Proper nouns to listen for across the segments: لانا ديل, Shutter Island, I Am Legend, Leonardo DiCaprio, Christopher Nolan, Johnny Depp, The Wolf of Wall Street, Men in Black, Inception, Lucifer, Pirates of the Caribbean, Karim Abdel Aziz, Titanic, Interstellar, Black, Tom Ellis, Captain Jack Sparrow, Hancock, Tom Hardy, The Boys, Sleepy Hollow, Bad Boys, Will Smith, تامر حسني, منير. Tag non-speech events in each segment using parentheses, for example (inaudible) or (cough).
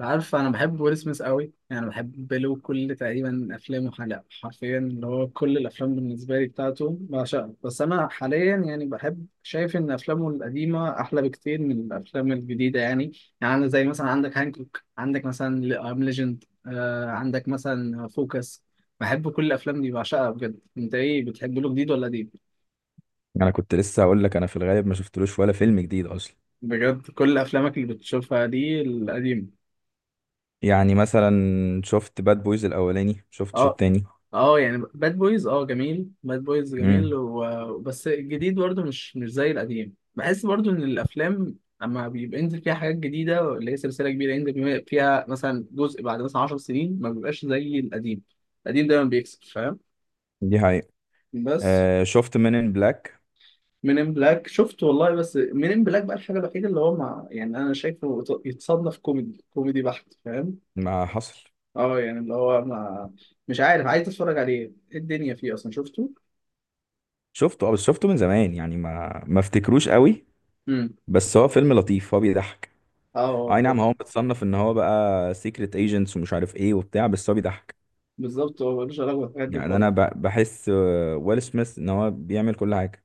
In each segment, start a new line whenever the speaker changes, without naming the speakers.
عارف، انا بحب ويل سميث قوي. يعني بحب له كل تقريبا افلامه، حلقة، حرفيا اللي هو كل الافلام بالنسبه لي بتاعته بعشقها. بس انا حاليا يعني بحب، شايف ان افلامه القديمه احلى بكتير من الافلام الجديده يعني. يعني أنا زي مثلا عندك هانكوك، عندك مثلا ام ليجند، عندك مثلا فوكس. بحب كل الافلام دي بعشقها بجد. انت ايه بتحب له، جديد ولا قديم؟
انا كنت لسه هقول لك انا في الغالب ما شفتلوش ولا فيلم جديد اصلا.
بجد كل افلامك اللي بتشوفها دي القديمه؟
يعني مثلا. شفت باد بويز الاولاني شفتش
اه.
التاني.
اه يعني باد بويز، جميل، باد بويز جميل،
امم.
بس الجديد برضو مش زي القديم. بحس برضو ان الافلام لما بيبقى ينزل فيها حاجات جديده، اللي هي سلسله كبيره ينزل فيها مثلا جزء بعد مثلا 10 سنين، ما بيبقاش زي القديم. القديم دايما بيكسب، فاهم؟
دي حقيقة.
بس
آه، شفت مين ان بلاك؟
من ان بلاك شفته والله، بس من ان بلاك بقى الحاجه الوحيده اللي هو مع، يعني انا شايفه يتصنف كوميدي كوميدي بحت، فاهم؟
ما حصل.
اه يعني اللي هو ما، مش عارف، عايز اتفرج عليه، ايه الدنيا فيه، اصلا شفته.
شفته، اه، بس شفته من زمان يعني ما افتكروش قوي. بس هو فيلم لطيف هو بيضحك.
اه هو
اي نعم،
فيلم.
هو متصنف ان هو بقى سيكريت ايجنتس ومش عارف ايه وبتاع، بس هو بيضحك.
بالظبط، هو ملوش علاقة بالحاجات دي
يعني
خالص.
انا بحس، ويل سميث ان هو بيعمل كل حاجة.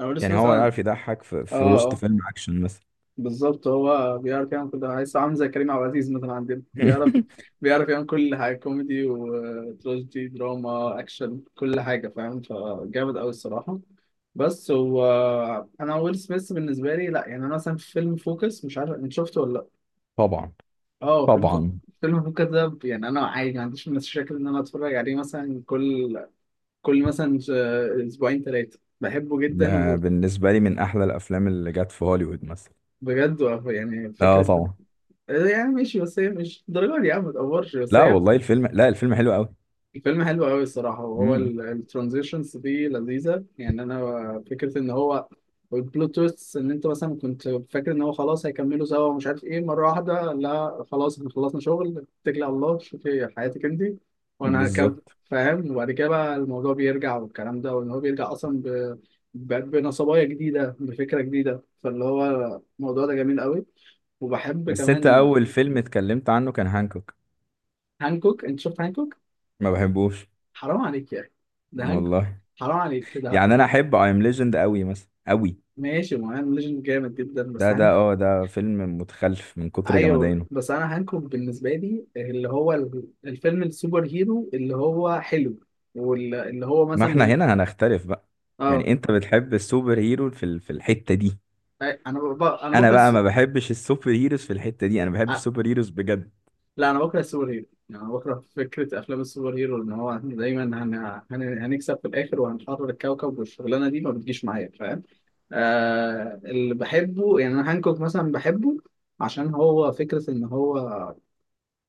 انا بقول
يعني هو
مثلا.
عارف يضحك في,
اه،
في وسط
اه،
فيلم اكشن مثلا.
بالظبط هو بيعرف يعمل كل ده. عايز، عامل زي كريم عبد العزيز مثلا عندنا، بيعرف،
(laughs)
بيعرف يعمل كل حاجة، كوميدي وتراجيدي، دراما، أكشن، كل حاجة، فاهم؟ فجامد أوي الصراحة. بس هو، أنا ويل سميث بالنسبة لي لأ. يعني أنا مثلا في فيلم فوكس، مش عارف أنت شفته ولا لأ.
طبعا.
اه فيلم فو-
طبعا.
فيلم فوكس ده، يعني أنا عادي ما عنديش مشاكل إن أنا أتفرج عليه مثلا كل، كل اسبوعين ثلاثه، بحبه جدا.
ده بالنسبة لي من أحلى الأفلام اللي جت في هوليوود مثلا.
وبجد، يعني
لا
فكره،
طبعا.
يعني ماشي، بس هي مش الدرجه دي يا عم، ما تقفرش، بس
لا
هي.
والله الفيلم، لا الفيلم حلو أوي.
الفيلم حلو قوي الصراحة. وهو
امم.
الترانزيشنز دي لذيذة، يعني أنا فكرة إن هو، والبلوت تويست إن أنت مثلا كنت فاكر إن هو خلاص هيكملوا سوا ومش عارف إيه، مرة واحدة لا، خلاص إحنا خلصنا شغل، اتكلي على الله، شوفي حياتك أنت وأنا هكمل،
بالظبط.
فاهم؟ وبعد كده بقى الموضوع بيرجع والكلام ده، وإن هو بيرجع أصلا بنصبايا جديدة، بفكرة جديدة. فاللي هو، الموضوع ده جميل قوي. وبحب
بس أنت
كمان.
أول فيلم اتكلمت عنه كان هانكوك.
هانكوك. أنت شفت هانكوك؟
ما بحبوش.
حرام عليك يا أخي. ده هانكوك.
والله.
حرام عليك كده.
يعني أنا أحب أي أم ليجند أوي، مثلا أوي.
ماشي، ما انا ليجند جامد جدا، بس
ده ده أه ده فيلم متخلف من كتر
ايوه،
جمدانه.
بس انا هانكوك بالنسبه لي اللي هو الفيلم السوبر هيرو اللي هو حلو، واللي هو
ما
مثلا
إحنا
مش،
هنا هنختلف بقى.
اه
يعني أنت بتحب السوبر هيرو في الحتة دي.
انا
أنا
بكره
بقى
الس...
ما بحبش السوبر هيروز في الحتة دي، أنا بحب
آه،
السوبر هيروز بجد.
لا، انا بكره السوبر هيرو. يعني انا بكره فكره افلام السوبر هيرو، ان هو دايما هنكسب في الاخر وهنحرر الكوكب، والشغلانه دي ما بتجيش معايا، فاهم؟ اللي بحبه، يعني انا هانكوك مثلا بحبه عشان هو فكره ان هو،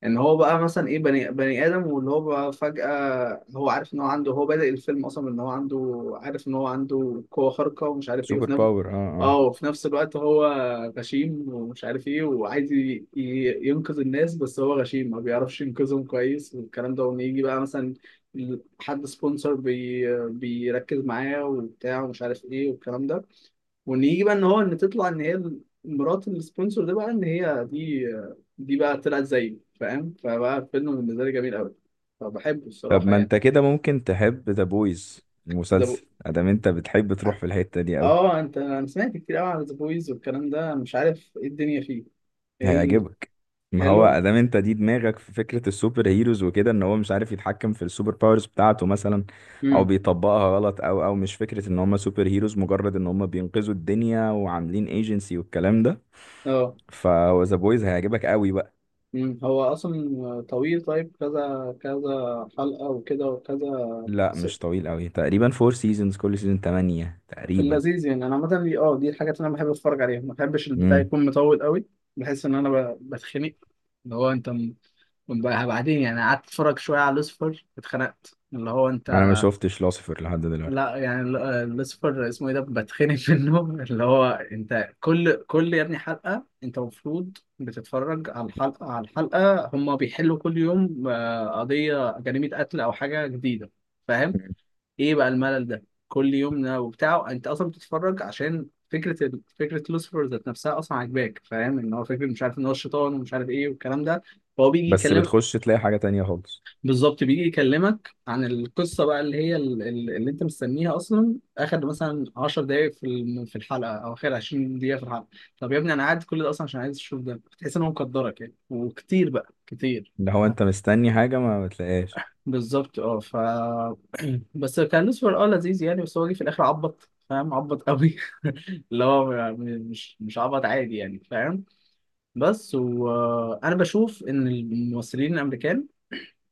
ان هو بقى مثلا، ايه، بني ادم، واللي هو بقى فجأة هو عارف ان هو عنده، هو بادئ الفيلم اصلا ان هو عنده، عارف ان هو عنده قوة خارقة، ومش عارف ايه،
سوبر باور أه. آه.
وفي نفس الوقت هو غشيم، ومش عارف ايه، وعايز ينقذ الناس، بس هو غشيم ما بيعرفش ينقذهم كويس والكلام ده، وان يجي بقى مثلا حد سبونسر بيركز معاه وبتاع ومش عارف ايه والكلام ده، ونيجي بقى ان هو، ان تطلع ان هي مرات السبونسر ده، بقى ان هي دي بقى طلعت زيه، فاهم؟ فبقى فيلم بالنسبه لي جميل قوي. فبحبه
طب
الصراحه
ما
يعني.
انت كده ممكن تحب ذا بويز
ذا بو...
المسلسل، ادام انت بتحب تروح في الحتة دي قوي.
اه، انت، انا سمعت كتير قوي عن ذا بويز والكلام ده، مش عارف ايه الدنيا فيه. ايه؟
هيعجبك. ما هو
الحلو.
ادام انت دي دماغك في فكرة السوبر هيروز وكده، ان هو مش عارف يتحكم في السوبر باورز بتاعته مثلا، او
امم.
بيطبقها غلط، او مش فكرة ان هم سوبر هيروز مجرد ان هم بينقذوا الدنيا وعاملين ايجنسي والكلام ده.
اه.
فهو ذا بويز هيعجبك قوي بقى.
هو اصلا طويل؟ طيب كذا كذا حلقه وكده وكذا
لا مش طويل قوي، تقريبا فور سيزونز كل سيزون 8
في
تقريبا.
اللذيذ. يعني انا عامه دي الحاجات اللي انا بحب اتفرج عليها، ما بحبش البتاع
امم.
يكون مطول قوي. بحس ان انا بتخنق. اللي هو انت بقى بعدين، يعني قعدت اتفرج شويه على لوسيفر، اتخنقت. اللي هو انت،
انا ما شفتش لوسيفر لحد دلوقتي.
لا، يعني لوسيفر اسمه ايه ده، بتخنق (laughs) منه. اللي هو انت كل يا ابني، حلقه انت المفروض بتتفرج على الحلقه، هم بيحلوا كل يوم قضيه جريمه قتل او حاجه جديده. ايه بقى الملل ده كل يوم وبتاعه؟ انت اصلا بتتفرج عشان فكره فكره لوسيفر ذات نفسها اصلا عاجباك، فاهم؟ ان هو فكره، مش عارف، ان هو الشيطان ومش عارف ايه والكلام ده، فهو بيجي
بس
يكلمك.
بتخش تلاقي حاجة تانية خالص.
بالظبط، بيجي يكلمك عن القصه بقى اللي هي اللي انت مستنيها اصلا اخر مثلا 10 دقائق في في الحلقه، او اخر 20 دقيقه في الحلقه. طب يا ابني، انا قاعد كل ده اصلا عشان عايز اشوف ده. بتحس ان هو مقدرك يعني، وكتير بقى كتير.
اللي هو انت مستني حاجة ما بتلاقيهاش.
بالظبط. اه ف (clears throat) بس كان لوسيفر لذيذ يعني، بس هو جه في الاخر عبط، فاهم؟ عبط قوي (laughs) اللي هو، مش عبط عادي يعني، فاهم؟ بس، وانا بشوف ان الممثلين الامريكان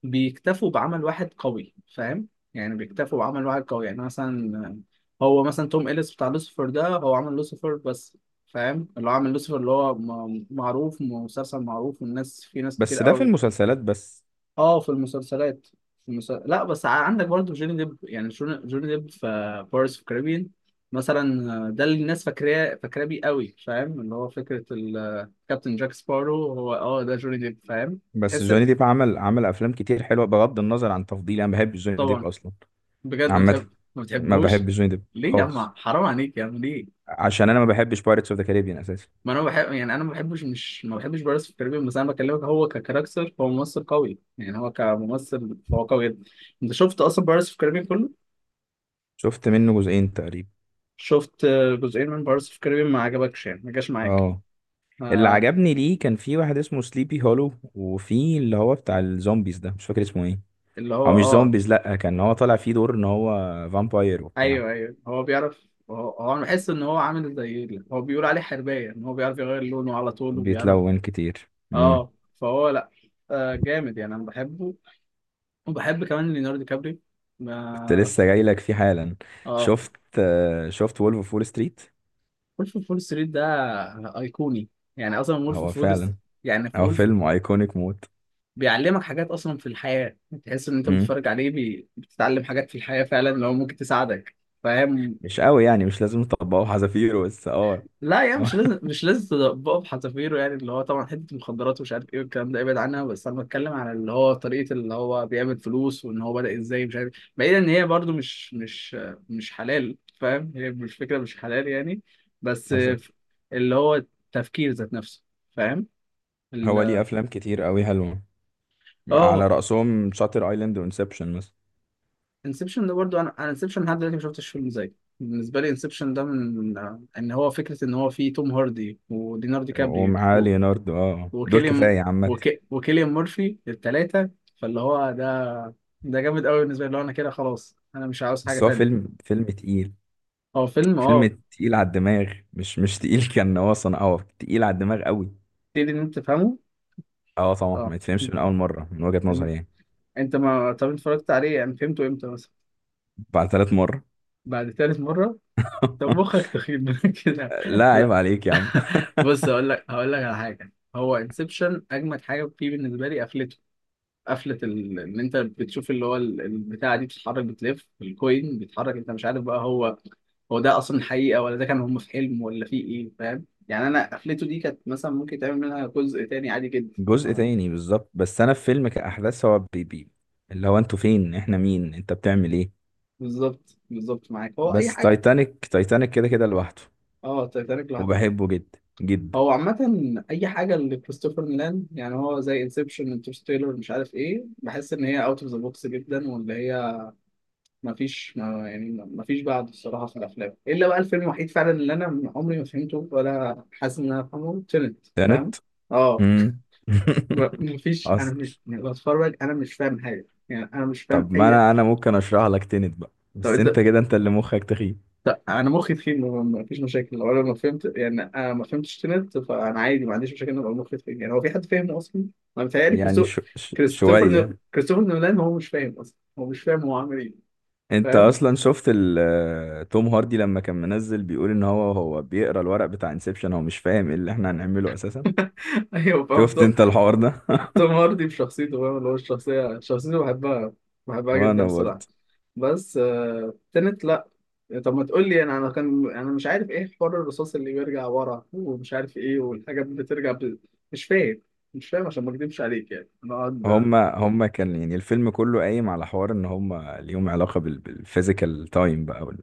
بيكتفوا بعمل واحد قوي، فاهم؟ يعني بيكتفوا بعمل واحد قوي، يعني مثلا هو مثلا توم إليس بتاع لوسيفر ده، هو عمل لوسيفر بس، فاهم؟ اللي هو عمل لوسيفر اللي هو معروف، مسلسل معروف والناس، في ناس كتير
بس ده في
قوي.
المسلسلات بس.
اه في المسلسلات، لا، بس عندك برضه جوني ديب. يعني جوني ديب في بارس في كاريبيان مثلا، ده اللي الناس فاكراه بيه قوي، فاهم؟ اللي هو فكره كابتن جاك سبارو، هو ده جوني ديب، فاهم؟
بس
تحس.
جوني ديب عمل افلام كتير حلوة، بغض النظر عن تفضيلي، انا ما بحبش جوني ديب
طبعا.
اصلا.
بجد ما
عامة.
بتحب؟ ما
ما
بتحبوش.
بحبش جوني ديب
ليه يا
خالص.
عم؟ حرام عليك يا عم. ليه؟
عشان انا ما بحبش بايرتس اوف ذا كاريبيان اساسا.
ما انا بحب، يعني انا ما بحبش، بارس في كاريبيان. بس انا بكلمك، هو ككاركتر، هو ممثل قوي، يعني هو كممثل فهو قوي جدا. انت شفت اصلا بارس في كاريبيان كله؟
شفت منه جزئين تقريبا.
شفت؟ جزئين من بارس في كاريبيان؟ ما عجبكش يعني، ما جاش معاك؟
اه. اللي
آه.
عجبني ليه كان في واحد اسمه سليبي هولو، وفي اللي هو بتاع الزومبيز ده مش فاكر اسمه ايه.
اللي هو
او مش
اه.
زومبيز، لا كان هو طالع فيه دور ان هو فامباير وبتاع.
ايوه، ايوه، هو بيعرف. هو انا بحس ان هو عامل زي هو بيقول عليه حربايه، ان هو بيعرف يغير لونه على طول وبيعرف.
بيتلون كتير.
اه فهو لا، آه جامد، يعني انا بحبه. وبحب كمان ليوناردو كابري.
كنت
ما
لسه جاي لك فيه حالا.
اه
شفت. شفت وولف اوف وول ستريت.
وولف اوف وول ستريت ده ايقوني. يعني اصلا وولف
هو
اوف وول،
فعلا.
يعني في
هو
وولف،
فيلم ايكونيك موت.
بيعلمك حاجات اصلا في الحياه. تحس ان انت
مم.
بتتفرج عليه بتتعلم حاجات في الحياه فعلا، لو ممكن تساعدك، فاهم؟
مش قوي يعني، مش لازم نطبقه حذافيره، بس اه.
لا يعني مش
(laughs)
لازم، مش لازم بقى بحذافيره. يعني اللي هو طبعا حته مخدرات ومش عارف ايه والكلام ده ابعد عنها، بس انا بتكلم على اللي هو طريقه اللي هو بيعمل فلوس وان هو بدأ ازاي، مش عارف، بعيدا ان هي برضو مش مش حلال، فاهم؟ هي مش، فكره، مش حلال يعني، بس
حصل.
اللي هو التفكير ذات نفسه، فاهم؟
هو ليه
ال-
افلام كتير قوي حلوه. على
اه
رأسهم شاتر ايلاند وانسبشن مثلا.
انسبشن ده برضو، انا انسبشن لحد دلوقتي ما شفتش فيلم زيه. بالنسبه لي انسبشن ده من، ان هو فكره ان هو فيه توم هاردي ودينارdo دي كابري
ومعاه ليوناردو، دول
وكيليان،
كفايه عامه.
وكيليان مورفي التلاتة. فاللي هو ده، ده جامد قوي بالنسبة لي، اللي هو انا كده خلاص، انا مش عاوز حاجة
بس هو
تانية.
فيلم تقيل.
هو فيلم
فيلم تقيل على الدماغ، مش تقيل. (laughs) كان هو صنع، تقيل على الدماغ قوي.
تبتدي ان انت تفهمه.
اه طبعا، ما
اه.
يتفهمش من اول مره من وجهه
إن-
نظري يعني.
انت ما طب أنت اتفرجت عليه، يعني فهمته امتى مثلا؟
بعد 3 مره.
بعد تالت مرة. طب
(laughs)
مخك تخيب (laughs) من كده.
لا عيب
لا.
عليك يا عم. (laughs)
(laughs) بص، هقول لك على حاجة، هو انسبشن اجمد حاجة فيه بالنسبة لي قفلته. قفله ان انت بتشوف اللي هو البتاعه دي بتتحرك، بتلف الكوين، بيتحرك، انت مش عارف بقى هو، هو ده اصلا حقيقه ولا ده كان هم في حلم، ولا في ايه، فاهم؟ يعني انا قفلته دي كانت مثلا ممكن تعمل منها جزء تاني عادي جدا
جزء تاني بالظبط، بس انا في فيلم كأحداث هو بيبي. اللي هو انتوا فين، احنا مين، انت بتعمل ايه.
بالظبط، بالظبط معاك، هو اي
بس
حاجه.
تايتانيك، تايتانيك كده كده لوحده.
اه، تitanic لوحده.
وبحبه جدا جدا.
هو عامة أي حاجة لكريستوفر نولان يعني، هو زي انسبشن، انترستيلر، مش عارف ايه، بحس إن هي اوت اوف ذا بوكس جدا، وإن هي، ما فيش، بعد، الصراحه، في الافلام الا بقى الفيلم الوحيد فعلا اللي انا عمري ما فهمته ولا حاسس ان انا فاهمه تنت، فاهم؟
تنت.
اه.
امم. (laughs)
ما فيش، انا
اصل.
مش، يعني بتفرج انا مش فاهم حاجه، يعني انا مش فاهم
طب ما
اي.
انا ممكن اشرح لك تنت بقى،
طب
بس
انت،
انت كده انت اللي مخك تخين.
طب انا مخي تخين، ما فيش مشاكل لو انا ما فهمت يعني، انا ما فهمتش تنت، فانا عادي ما عنديش مشاكل ان ابقى مخي تخين. يعني هو في حد فاهمه اصلا؟ انا متهيألي
يعني شو شوية.
كريستوفر نولان هو مش فاهم اصلا، هو مش فاهم هو عامل ايه،
انت
فاهم؟
اصلا شفت توم هاردي لما كان منزل بيقول ان هو بيقرا الورق بتاع انسبشن، هو مش فاهم ايه اللي احنا هنعمله اساسا.
(laughs) ايوه، فهمت.
شفت انت الحوار ده. (laughs)
توم هاردي بشخصيته، فاهم؟ اللي هو شخصيته بحبها، بحبها جدا
وانا
الصراحة.
برضه.
بس تنت لا. طب ما تقول لي انا مش عارف ايه حوار الرصاص اللي بيرجع ورا ومش عارف ايه والحاجات بترجع مش فاهم، مش فاهم عشان ما اكدبش عليك، يعني انا اقعد.
هما كان، يعني الفيلم كله قايم على حوار ان هما ليهم علاقة بالفيزيكال تايم بقى،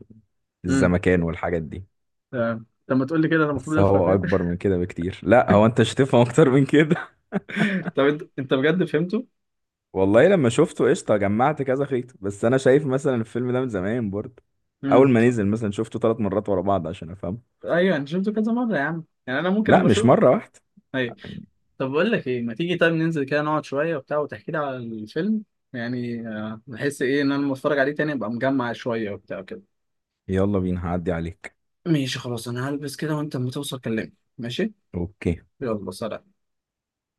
امم.
الزمكان والحاجات دي.
تمام. طب ما تقول لي كده انا المفروض
بس
افهم
هو
ايه؟
اكبر من كده بكتير، لا هو انت مش هتفهم (laughs) اكتر من كده.
(laughs) طب، انت بجد فهمته؟
(laughs) والله لما شفته قشطة جمعت كذا خيط، بس انا شايف مثلا الفيلم ده من زمان برضه. اول
امم.
ما نزل مثلا شفته 3 مرات ورا بعض عشان افهمه.
ايوه انا شفته كذا مرة يا عم، يعني انا ممكن
لا
اما
مش
اشوف.
مرة واحدة
ايوه.
يعني.
طب بقول لك ايه، ما تيجي طيب ننزل كده نقعد شويه وبتاع، وتحكي لي على الفيلم، يعني بحس ايه ان انا لما اتفرج عليه تاني ابقى مجمع شويه وبتاع كده.
يلا بينا، هعدي عليك.
ماشي خلاص، انا هلبس كده وانت لما توصل كلمني. ماشي.
اوكي.
يلا، سلام.